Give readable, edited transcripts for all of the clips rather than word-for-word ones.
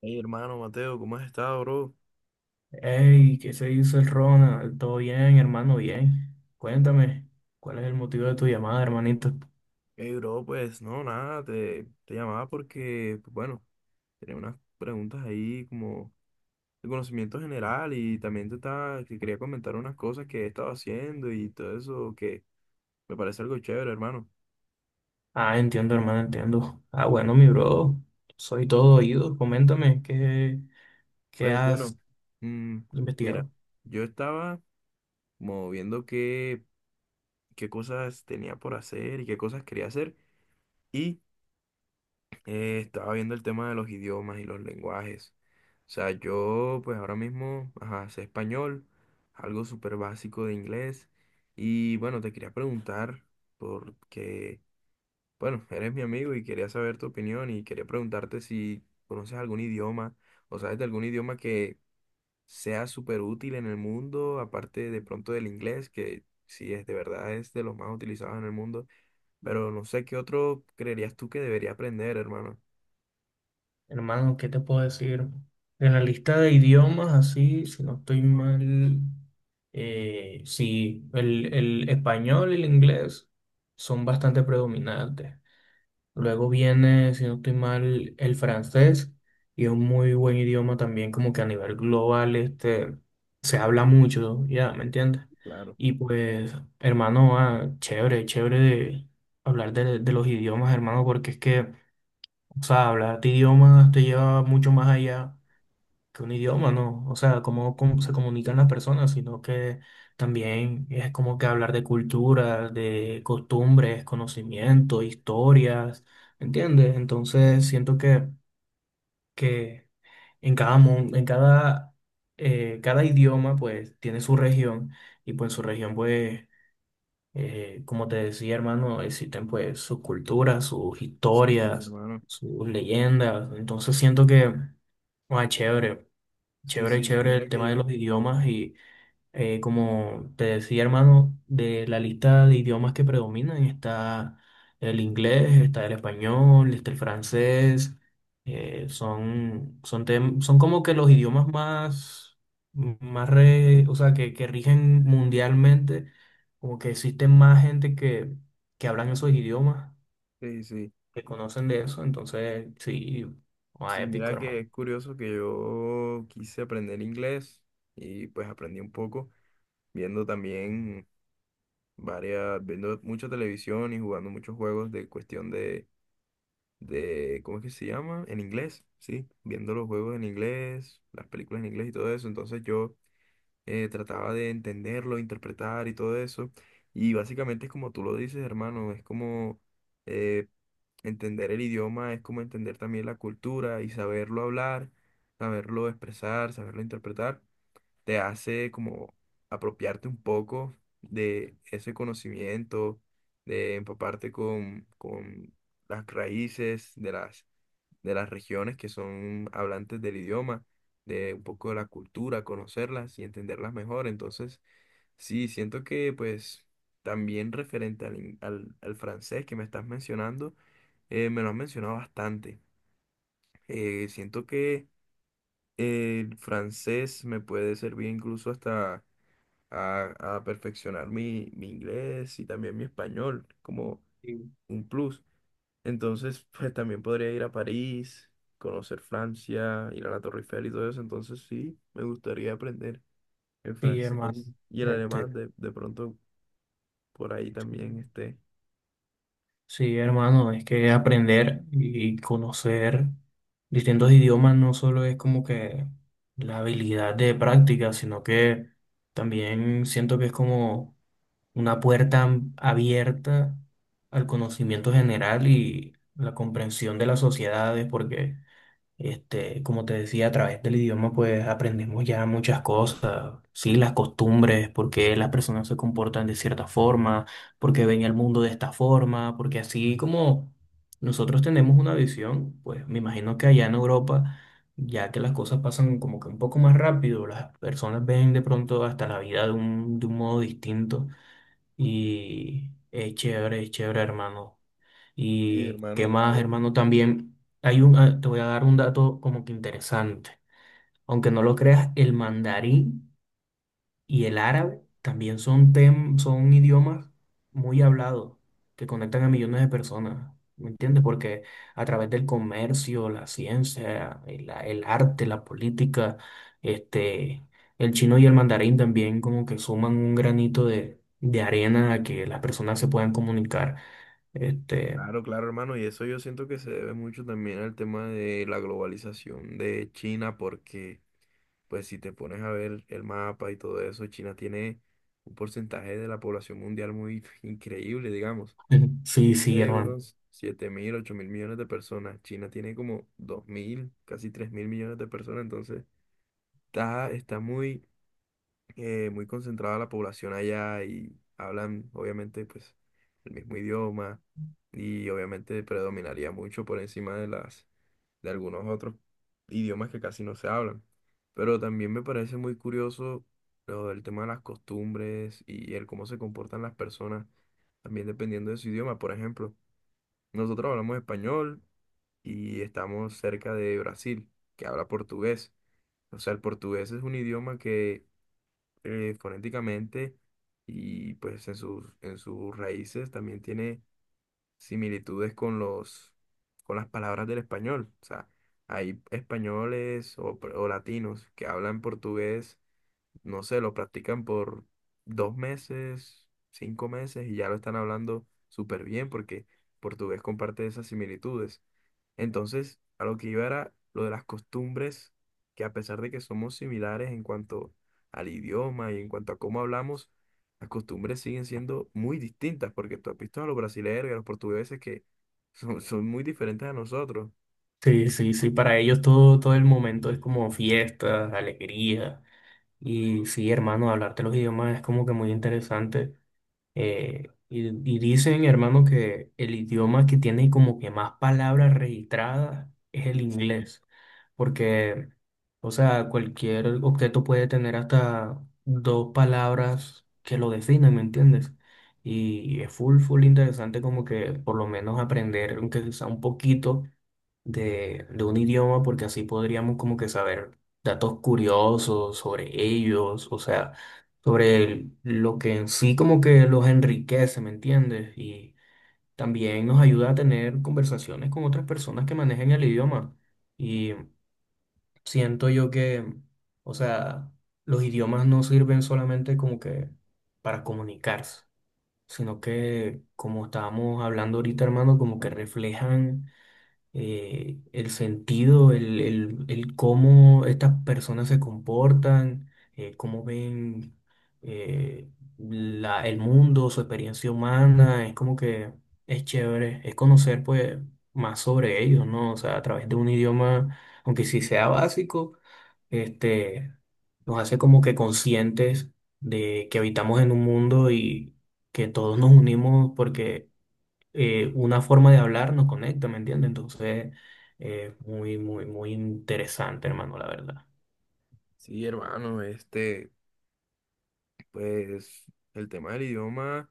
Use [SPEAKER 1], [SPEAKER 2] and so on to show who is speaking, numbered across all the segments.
[SPEAKER 1] Hey, hermano Mateo, ¿cómo has estado, bro?
[SPEAKER 2] Hey, ¿qué se dice el Ronald? ¿Todo bien, hermano? Bien. Cuéntame, ¿cuál es el motivo de tu llamada, hermanito?
[SPEAKER 1] Hey, bro, pues no, nada, te llamaba porque, pues, bueno, tenía unas preguntas ahí como de conocimiento general y también te estaba, que quería comentar unas cosas que he estado haciendo y todo eso que me parece algo chévere, hermano.
[SPEAKER 2] Ah, entiendo, hermano, entiendo. Ah, bueno, mi bro, soy todo oído. Coméntame, ¿qué
[SPEAKER 1] Pues bueno,
[SPEAKER 2] has
[SPEAKER 1] mm, mira,
[SPEAKER 2] investigado?
[SPEAKER 1] yo estaba como viendo qué cosas tenía por hacer y qué cosas quería hacer y estaba viendo el tema de los idiomas y los lenguajes. O sea, yo pues ahora mismo, ajá, sé español, algo súper básico de inglés. Y bueno, te quería preguntar, porque, bueno, eres mi amigo y quería saber tu opinión y quería preguntarte si conoces algún idioma o sabes de algún idioma que sea súper útil en el mundo, aparte de pronto del inglés, que sí es de verdad es de los más utilizados en el mundo. Pero no sé qué otro creerías tú que debería aprender, hermano.
[SPEAKER 2] Hermano, ¿qué te puedo decir? En la lista de idiomas, así, si no estoy mal, sí, el español y el inglés son bastante predominantes. Luego viene, si no estoy mal, el francés y es un muy buen idioma también, como que a nivel global, este, se habla mucho, ya, ¿me entiendes?
[SPEAKER 1] Claro.
[SPEAKER 2] Y pues, hermano, ah, chévere, chévere de de los idiomas, hermano, porque es que, o sea, hablar de idiomas te lleva mucho más allá que un idioma, ¿no? O sea, cómo se comunican las personas, sino que también es como que hablar de cultura, de costumbres, conocimiento, historias, ¿entiendes? Entonces siento que en cada, cada idioma pues tiene su región y pues en su región pues, como te decía hermano, existen pues sus culturas, sus
[SPEAKER 1] Sí,
[SPEAKER 2] historias,
[SPEAKER 1] hermano.
[SPEAKER 2] sus leyendas, entonces siento que, ah, chévere.
[SPEAKER 1] Sí,
[SPEAKER 2] Chévere,
[SPEAKER 1] sí,
[SPEAKER 2] chévere
[SPEAKER 1] mira
[SPEAKER 2] el
[SPEAKER 1] que
[SPEAKER 2] tema de los
[SPEAKER 1] yo,
[SPEAKER 2] idiomas y como te decía hermano, de la lista de idiomas que predominan está el inglés, está el español, está el francés, son como que los idiomas más, o sea, que rigen mundialmente, como que existe más gente que hablan esos idiomas,
[SPEAKER 1] sí, sí,
[SPEAKER 2] que conocen de eso, entonces sí, más
[SPEAKER 1] sí,
[SPEAKER 2] épico
[SPEAKER 1] mira que
[SPEAKER 2] hermano.
[SPEAKER 1] es curioso que yo quise aprender inglés y pues aprendí un poco viendo también viendo mucha televisión y jugando muchos juegos de cuestión de, ¿cómo es que se llama? En inglés, sí, viendo los juegos en inglés, las películas en inglés y todo eso. Entonces yo trataba de entenderlo, interpretar y todo eso. Y básicamente es como tú lo dices, hermano, es como eh, entender el idioma, es como entender también la cultura y saberlo hablar, saberlo expresar, saberlo interpretar, te hace como apropiarte un poco de ese conocimiento, de empaparte con las raíces de las regiones que son hablantes del idioma, de un poco de la cultura, conocerlas y entenderlas mejor. Entonces, sí, siento que pues también referente al francés que me estás mencionando, me lo has mencionado bastante. Siento que el francés me puede servir incluso hasta a perfeccionar mi inglés y también mi español como
[SPEAKER 2] Sí,
[SPEAKER 1] un plus. Entonces, pues también podría ir a París, conocer Francia, ir a la Torre Eiffel y todo eso. Entonces, sí, me gustaría aprender el
[SPEAKER 2] sí, hermano.
[SPEAKER 1] francés y el alemán.
[SPEAKER 2] Este,
[SPEAKER 1] De pronto, por ahí
[SPEAKER 2] sí.
[SPEAKER 1] también esté.
[SPEAKER 2] Sí, hermano, es que aprender y conocer distintos idiomas no solo es como que la habilidad de práctica, sino que también siento que es como una abierta al conocimiento general y la comprensión de las sociedades, porque este, como te decía, a través del idioma pues aprendemos ya muchas cosas, sí, las costumbres, por qué las personas se comportan de cierta forma, por qué ven el mundo de esta forma, porque así como nosotros tenemos una visión, pues me imagino que allá en Europa, ya que las cosas pasan como que un poco más rápido, las personas ven de pronto hasta la vida de un modo distinto y es chévere, hermano.
[SPEAKER 1] Y
[SPEAKER 2] Y qué
[SPEAKER 1] hermano, yo.
[SPEAKER 2] más, hermano, también hay un, ah, te voy a dar un dato como que interesante. Aunque no lo creas, el mandarín y el árabe también son idiomas muy hablados que conectan a millones de personas. ¿Me entiendes? Porque a través del comercio, la ciencia, el arte, la política, este, el chino y el mandarín también como que suman un granito de arena a que las personas se puedan comunicar. Este,
[SPEAKER 1] Claro, claro, hermano. Y eso yo siento que se debe mucho también al tema de la globalización de China, porque, pues, si te pones a ver el mapa y todo eso, China tiene un porcentaje de la población mundial muy increíble, digamos.
[SPEAKER 2] ujú. Sí, sí,
[SPEAKER 1] Existe
[SPEAKER 2] hermano.
[SPEAKER 1] unos 7.000, 8.000 millones de personas. China tiene como 2.000, casi 3.000 millones de personas. Entonces, está, está muy, muy concentrada la población allá y hablan, obviamente, pues el mismo idioma y obviamente predominaría mucho por encima de las, de algunos otros idiomas que casi no se hablan. Pero también me parece muy curioso lo del tema de las costumbres y el cómo se comportan las personas, también dependiendo de su idioma, por ejemplo. Nosotros hablamos español y estamos cerca de Brasil, que habla portugués. O sea, el portugués es un idioma que fonéticamente y pues en sus raíces también tiene similitudes con los, con las palabras del español. O sea, hay españoles o latinos que hablan portugués, no sé, lo practican por 2 meses, 5 meses y ya lo están hablando súper bien porque portugués comparte esas similitudes. Entonces, a lo que iba era lo de las costumbres, que a pesar de que somos similares en cuanto al idioma y en cuanto a cómo hablamos, las costumbres siguen siendo muy distintas, porque tú has visto a los brasileños y a los portugueses que son, son muy diferentes a nosotros.
[SPEAKER 2] Sí, sí, sí. Para ellos todo, todo el momento es como fiestas, alegría. Y sí, hermano, hablar de los idiomas es como que muy interesante. Y dicen, hermano, que el idioma que tiene como que más palabras registradas es el inglés, porque, o sea, cualquier objeto puede tener hasta dos palabras que lo definen, ¿me entiendes? Y es full, full interesante como que por lo menos aprender, aunque sea un poquito, de un idioma porque así podríamos como que saber datos curiosos sobre ellos, o sea, lo que en sí como que los enriquece, ¿me entiendes? Y también nos ayuda a tener conversaciones con otras personas que manejen el idioma. Y siento yo que, o sea, los idiomas no sirven solamente como que para comunicarse, sino que, como estábamos hablando ahorita, hermano, como que reflejan el sentido, el cómo estas personas se comportan, cómo ven eh, el mundo, su experiencia humana, es como que es chévere, es conocer pues más sobre ellos, ¿no? O sea, a través de un idioma, aunque sí sea básico, este, nos hace como que conscientes de que habitamos en un mundo y que todos nos unimos porque una forma de hablar nos conecta, ¿me entiendes? Entonces, muy, muy, muy interesante, hermano, la verdad.
[SPEAKER 1] Sí, hermano, este, pues el tema del idioma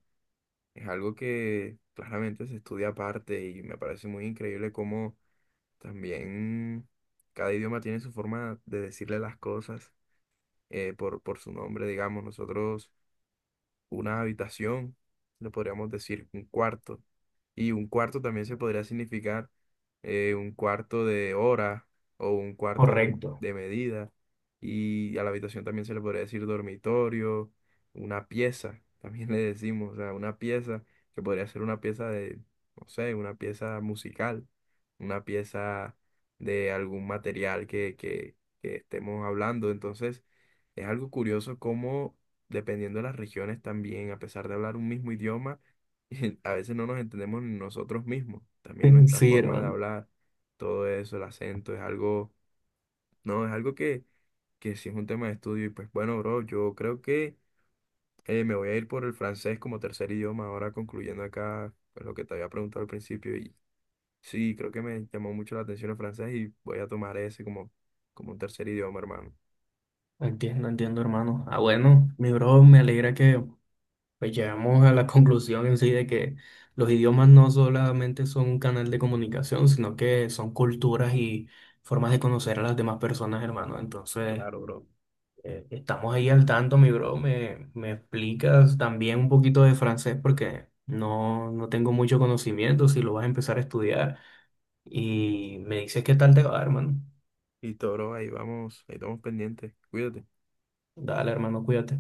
[SPEAKER 1] es algo que claramente se estudia aparte y me parece muy increíble cómo también cada idioma tiene su forma de decirle las cosas. Por su nombre, digamos, nosotros una habitación, le podríamos decir un cuarto. Y un cuarto también se podría significar un cuarto de hora o un cuarto de,
[SPEAKER 2] Correcto.
[SPEAKER 1] de medida. Y a la habitación también se le podría decir dormitorio, una pieza, también le decimos, o sea, una pieza que podría ser una pieza de, no sé, una pieza musical, una pieza de algún material que estemos hablando. Entonces, es algo curioso cómo dependiendo de las regiones también, a pesar de hablar un mismo idioma, a veces no nos entendemos ni nosotros mismos. También nuestra
[SPEAKER 2] Sí,
[SPEAKER 1] forma de
[SPEAKER 2] hermano.
[SPEAKER 1] hablar, todo eso, el acento, es algo, no, es algo que sí es un tema de estudio. Y pues bueno, bro, yo creo que me voy a ir por el francés como tercer idioma, ahora concluyendo acá pues, lo que te había preguntado al principio. Y sí, creo que me llamó mucho la atención el francés y voy a tomar ese como, un tercer idioma, hermano.
[SPEAKER 2] Entiendo, entiendo, hermano. Ah, bueno, mi bro, me alegra que pues, llegamos a la conclusión en sí de que los idiomas no solamente son un canal de comunicación, sino que son culturas y formas de conocer a las demás personas, hermano. Entonces,
[SPEAKER 1] Claro, bro.
[SPEAKER 2] Estamos ahí al tanto, mi bro. Me explicas también un poquito de francés? Porque no, no tengo mucho conocimiento si lo vas a empezar a estudiar. Y me dices qué tal te va, hermano.
[SPEAKER 1] Listo, bro, ahí vamos, ahí estamos pendientes. Cuídate.
[SPEAKER 2] Dale, hermano, cuídate.